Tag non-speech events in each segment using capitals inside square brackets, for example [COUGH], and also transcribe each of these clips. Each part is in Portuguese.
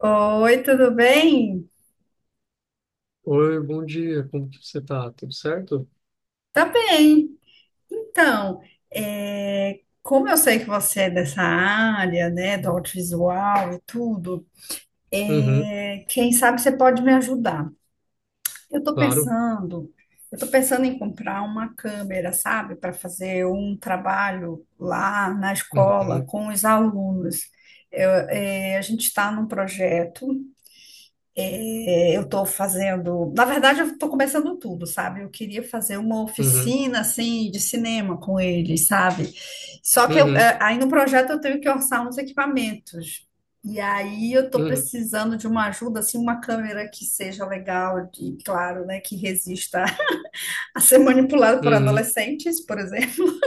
Oi, tudo bem? Oi, bom dia, como que você tá? Tudo certo? Tá bem. Então, como eu sei que você é dessa área, né, do audiovisual e tudo, Uhum, quem sabe você pode me ajudar. Eu tô claro. pensando, eu tô pensando em comprar uma câmera, sabe, para fazer um trabalho lá na escola Uhum, com os alunos. A gente está num projeto. Eu estou fazendo, na verdade, eu estou começando tudo, sabe? Eu queria fazer uma uhum, oficina assim de cinema com eles, sabe? Só que eu, uhum, é, aí no projeto eu tenho que orçar uns equipamentos. E aí eu estou uhum, precisando de uma ajuda, assim, uma câmera que seja legal e, claro, né, que resista [LAUGHS] a ser manipulada por uhum, adolescentes, por exemplo.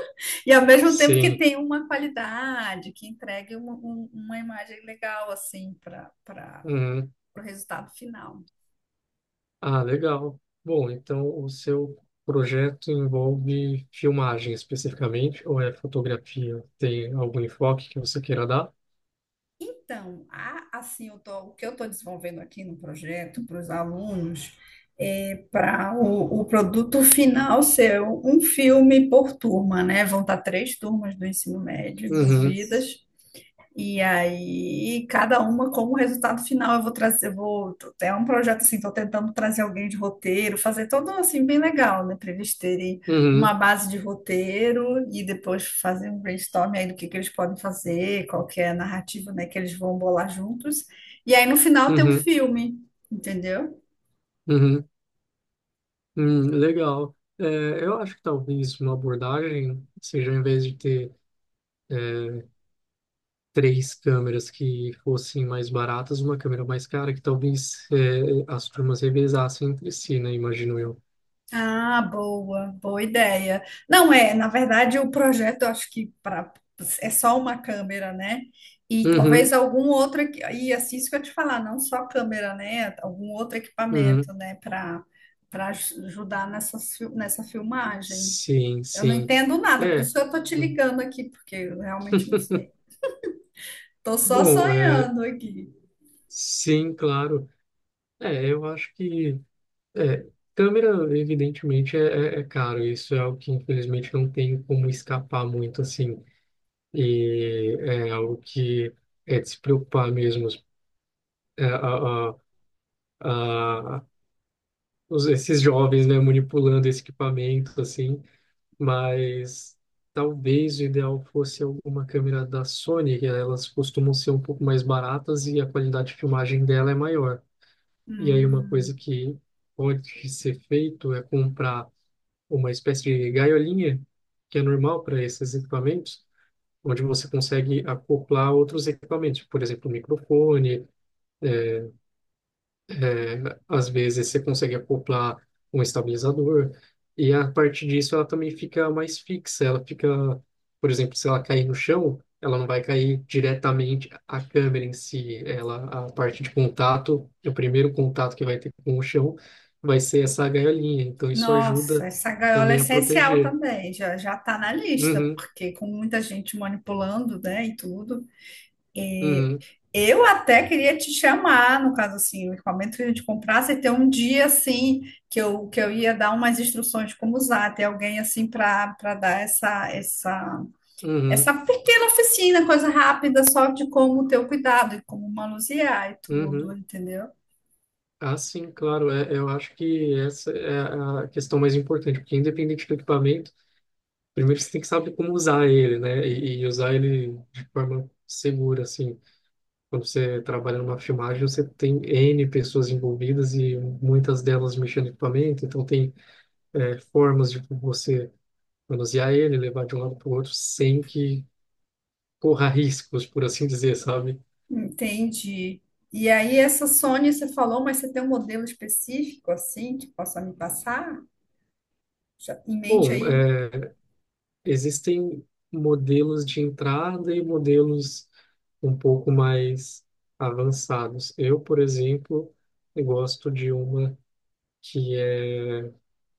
E ao mesmo tempo que sim. tenha uma qualidade, que entregue uma imagem legal, assim, para Uhum. o resultado final. Ah, legal. Bom, então o seu projeto envolve filmagem especificamente, ou é fotografia? Tem algum enfoque que você queira dar? Então, há, assim, o que eu estou desenvolvendo aqui no projeto para os alunos é para o produto final ser um filme por turma, né? Vão estar três turmas do ensino médio Uhum, envolvidas e aí, cada uma como resultado final, eu vou trazer, eu vou, tô- é um projeto assim, estou tentando trazer alguém de roteiro, fazer todo assim bem legal, né, para eles terem uma uhum, base de roteiro e depois fazer um brainstorm aí do que eles podem fazer, qual que é a narrativa, né, que eles vão bolar juntos. E aí no final tem um uhum, filme, entendeu? uhum, legal. Eu acho que talvez uma abordagem seja, em vez de ter é, três câmeras que fossem mais baratas, uma câmera mais cara, que talvez as turmas revezassem entre si, né? Imagino eu. Ah, boa, boa ideia. Não é, na verdade, o projeto eu acho que pra, é só uma câmera, né? E Uhum, talvez algum outro, e assim isso que eu te falar, não só câmera, né? Algum outro uhum. equipamento, né, para para ajudar nessa filmagem. Sim, Eu não sim. entendo nada, por isso É. que eu tô te ligando aqui, porque eu realmente não sei. [LAUGHS] Tô só Bom, é, sonhando aqui. sim, claro. Eu acho que é, câmera, evidentemente, é caro. Isso é algo que, infelizmente, não tem como escapar muito, assim. E é algo que é de se preocupar mesmo. É, a, a, esses jovens, né, manipulando esse equipamento, assim, mas talvez o ideal fosse alguma câmera da Sony, que elas costumam ser um pouco mais baratas e a qualidade de filmagem dela é maior. E aí uma coisa Hum. que pode ser feito é comprar uma espécie de gaiolinha, que é normal para esses equipamentos, onde você consegue acoplar outros equipamentos, por exemplo, microfone. É, às vezes você consegue acoplar um estabilizador e a partir disso ela também fica mais fixa. Ela fica, por exemplo, se ela cair no chão, ela não vai cair diretamente a câmera em si. Ela, a parte de contato, o primeiro contato que vai ter com o chão vai ser essa gaiolinha. Então isso Nossa, ajuda essa gaiola é também a essencial proteger. também, já já está na lista, Uhum, porque com muita gente manipulando, né, e tudo. É, uhum, eu até queria te chamar, no caso assim, o equipamento que a gente comprasse, e ter um dia assim que eu ia dar umas instruções de como usar, ter alguém assim para dar essa uhum, pequena oficina, coisa rápida, só de como ter o cuidado e como manusear e tudo, uhum. entendeu? Ah, sim, claro. É, eu acho que essa é a questão mais importante, porque independente do equipamento, primeiro você tem que saber como usar ele, né? E usar ele de forma segura, assim. Quando você trabalha numa filmagem, você tem N pessoas envolvidas e muitas delas mexendo no equipamento, então tem formas de você manusear ele, levar de um lado para o outro sem que corra [LAUGHS] riscos, por assim dizer, sabe? Entendi. E aí, essa Sony você falou, mas você tem um modelo específico assim que possa me passar? Já em mente Bom, aí? é, existem modelos de entrada e modelos um pouco mais avançados. Eu, por exemplo, eu gosto de uma que é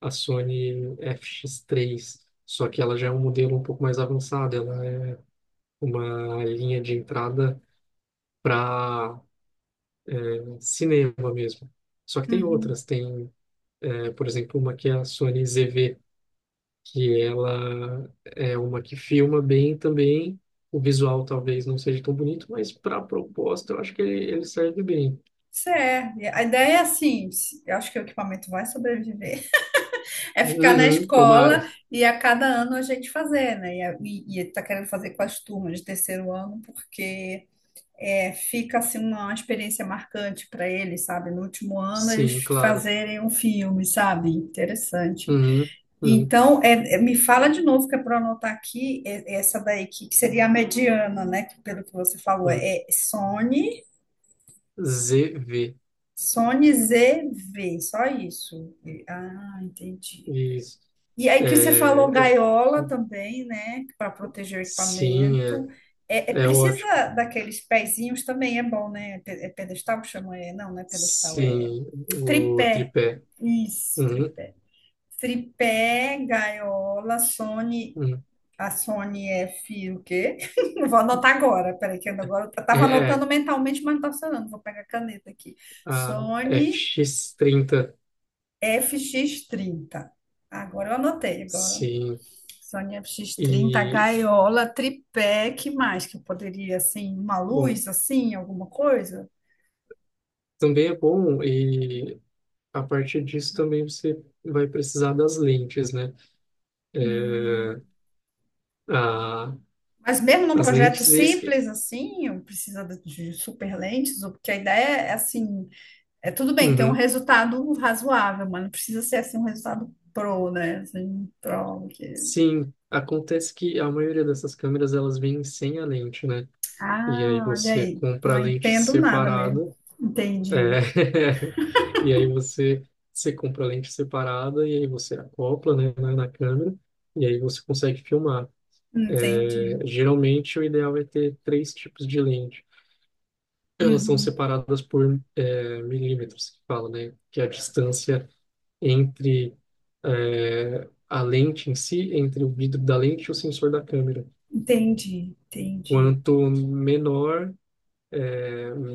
a Sony FX3, só que ela já é um modelo um pouco mais avançado, ela é uma linha de entrada para cinema mesmo. Só que tem Uhum. outras, tem, por exemplo, uma que é a Sony ZV, que ela é uma que filma bem também. O visual talvez não seja tão bonito, mas para a proposta eu acho que ele serve bem. Certo. A ideia é assim, eu acho que o equipamento vai sobreviver, [LAUGHS] é ficar na Uhum, escola tomara. e a cada ano a gente fazer, né? E tá querendo fazer com as turmas de terceiro ano, porque fica assim uma experiência marcante para eles, sabe? No último ano eles Sim, claro. fazerem um filme, sabe? Interessante. Uhum, uhum, Então, me fala de novo, que é para anotar aqui, essa daí, que seria a mediana, né? Que pelo que você falou, uhum. é Sony, ZV. Sony ZV, só isso. Ah, entendi. Isso. E aí É, que você falou é- gaiola também, né? Para proteger o sim, equipamento. É, é ótimo. Precisa daqueles pezinhos também, é bom, né? É pedestal que chama? É, não, não é pedestal, é Sim, o tripé. tripé. Isso, Uhum, tripé. Tripé, gaiola, Sony, uhum. a Sony F, o quê? [LAUGHS] Não. Vou anotar agora, peraí, que eu agora eu É, tava anotando é, mentalmente, mas não tá funcionando. Vou pegar a caneta aqui. a Sony FX30. FX30. Agora eu anotei, agora. Sim. Sony FX30, E, gaiola, tripé, que mais que eu poderia, assim, uma bom, luz, assim, alguma coisa? também é bom e a partir disso também você vai precisar das lentes, né? É, a, Mas mesmo num as projeto lentes... simples, assim, eu precisa de super lentes, porque a ideia é, assim, é tudo bem ter um Uhum. resultado razoável, mas não precisa ser, assim, um resultado pro, né? Assim, pro, porque... Sim, acontece que a maioria dessas câmeras, elas vêm sem a lente, né? E aí Ah, olha você aí, compra a não lente entendo nada mesmo. separada. É. Entendi, [LAUGHS] E aí você, você compra a lente separada e aí você acopla, né, na câmera e aí você consegue filmar. entendi, É, geralmente o ideal é ter três tipos de lente. Elas são uhum, separadas por milímetros, que fala, né? Que é a distância entre a lente em si, entre o vidro da lente e o sensor da câmera. entendi, entendi. Quanto menor,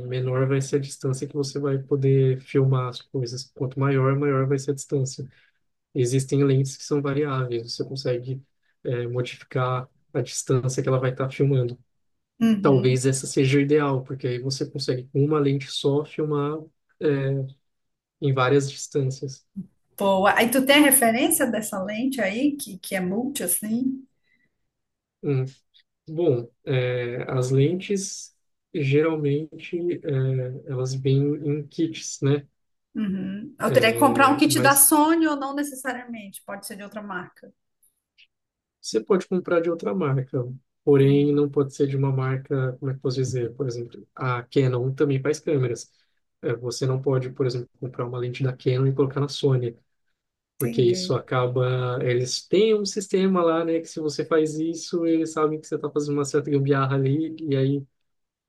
menor vai ser a distância que você vai poder filmar as coisas. Quanto maior, maior vai ser a distância. Existem lentes que são variáveis, você consegue modificar a distância que ela vai estar filmando. Uhum. Talvez essa seja o ideal, porque aí você consegue, com uma lente só, filmar, é, em várias distâncias. Boa. Aí tu tem a referência dessa lente aí, que é multi, assim? Hum. As lentes, geralmente, elas vêm em kits, né? Uhum. Eu teria que comprar um Eh, kit da mas Sony ou não necessariamente, pode ser de outra marca. você pode comprar de outra marca, porém não pode ser de uma marca, como é que eu posso dizer? Por exemplo, a Canon também faz câmeras. É, você não pode, por exemplo, comprar uma lente da Canon e colocar na Sony, porque isso Entendi. acaba. Eles têm um sistema lá, né, que se você faz isso, eles sabem que você está fazendo uma certa gambiarra ali, e aí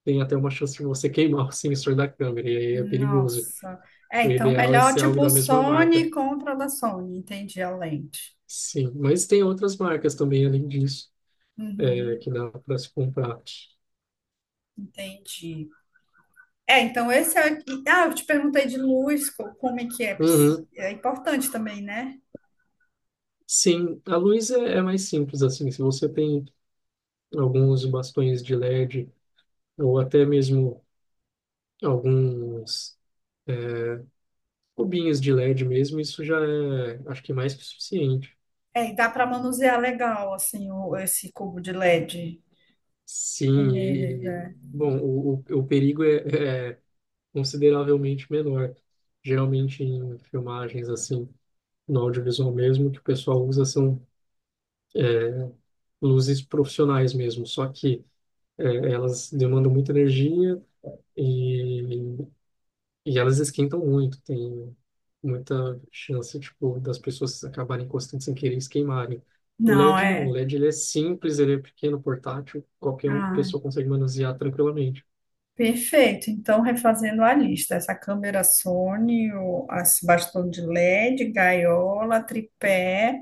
tem até uma chance de você [LAUGHS] queimar o sensor da câmera, e aí é perigoso. Nossa. É, O então ideal é melhor ser algo tipo da mesma marca. Sony compra da Sony, entendi a lente. Sim, mas tem outras marcas também além disso, Uhum, que dá para se comprar. entendi. É, então esse é. Ah, eu te perguntei de luz, como é que é? Uhum. É importante também, né? Sim, a luz é mais simples assim. Se você tem alguns bastões de LED ou até mesmo alguns cubinhos de LED mesmo, isso já é, acho que mais que o suficiente. É, e dá para manusear legal, assim, esse cubo de LED Sim, com ele, né? O perigo é consideravelmente menor. Geralmente em filmagens assim, no audiovisual mesmo, o que o pessoal usa são luzes profissionais mesmo, só que é, elas demandam muita energia. E E elas esquentam muito, tem muita chance, tipo, das pessoas acabarem encostando sem querer e se queimarem. O Não, LED não, é. o LED ele é simples, ele é pequeno, portátil, Ah, pessoa consegue manusear tranquilamente. perfeito. Então, refazendo a lista, essa câmera Sony, o as bastão de LED, gaiola, tripé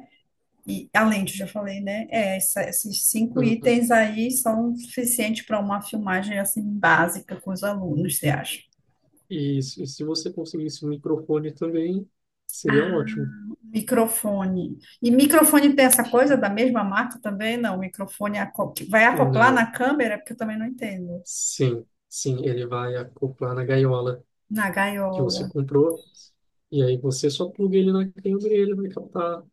e a lente, já falei, né? É, esses cinco Uhum. itens aí são suficientes para uma filmagem assim básica com os alunos, você acha? Se você conseguisse um microfone também, seria Ah, ótimo. microfone. E microfone tem essa coisa da mesma marca também? Não, microfone que vai acoplar Não, na câmera, porque eu também não entendo. sim, sim, ele vai acoplar na gaiola Na que você gaiola. comprou, e aí você só pluga ele na câmera e ele vai captar.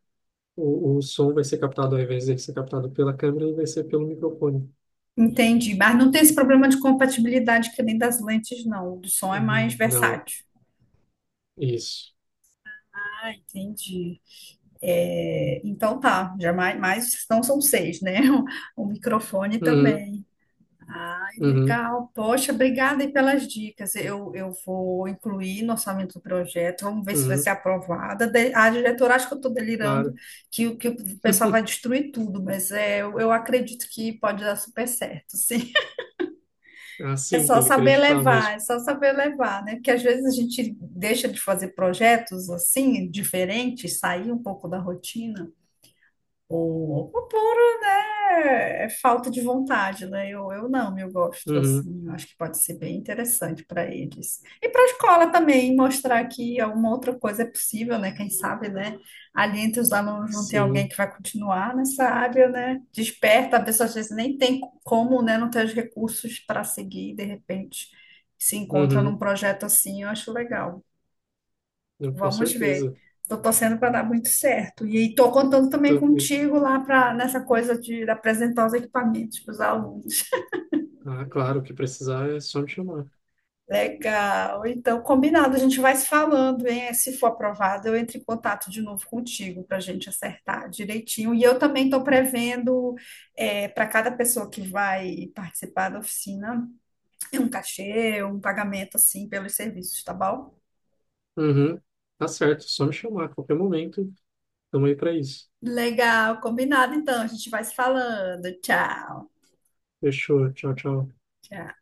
O som vai ser captado, ao invés de ser captado pela câmera, ele vai ser pelo microfone. Entendi. Mas não tem esse problema de compatibilidade que nem das lentes, não. O do som é mais Uhum. Não, versátil. isso. Ah, entendi. É, então tá, já mais, mais então são seis, né? [LAUGHS] O, microfone Uhum, também. Ah, uhum, legal. Poxa, obrigada aí pelas dicas. Eu vou incluir no orçamento do projeto. Vamos ver se vai uhum, ser aprovada. A diretora acha que eu estou delirando, claro. que, que o pessoal vai [LAUGHS] destruir tudo, mas é, eu acredito que pode dar super certo, sim. Ah, É sim, só tem que saber acreditar levar, mesmo. é só saber levar, né? Porque às vezes a gente deixa de fazer projetos assim, diferentes, sair um pouco da rotina. O o puro, né? É falta de vontade, né? Eu não, Eu gosto, Uhum, assim, eu acho que pode ser bem interessante para eles. E para a escola também, mostrar que alguma outra coisa é possível, né? Quem sabe, né? Ali entre os alunos não tem alguém sim, que vai continuar nessa área, né? Desperta, a pessoa às vezes nem tem como, né? Não tem os recursos para seguir, de repente se encontra num uhum, projeto assim, eu acho legal. Com Vamos ver. certeza. Estou torcendo para dar muito certo. E estou contando também Também. contigo lá para nessa coisa de apresentar os equipamentos para os alunos. Ah, claro, o que precisar é só me chamar. [LAUGHS] Legal. Então, combinado, a gente vai se falando, hein? Se for aprovado, eu entro em contato de novo contigo para a gente acertar direitinho. E eu também estou prevendo para cada pessoa que vai participar da oficina um cachê, um pagamento assim pelos serviços, tá bom? Uhum, tá certo, só me chamar a qualquer momento. Tamo aí pra isso. Legal, combinado então, a gente vai se falando. Tchau. Fechou, tchau, tchau. Tchau.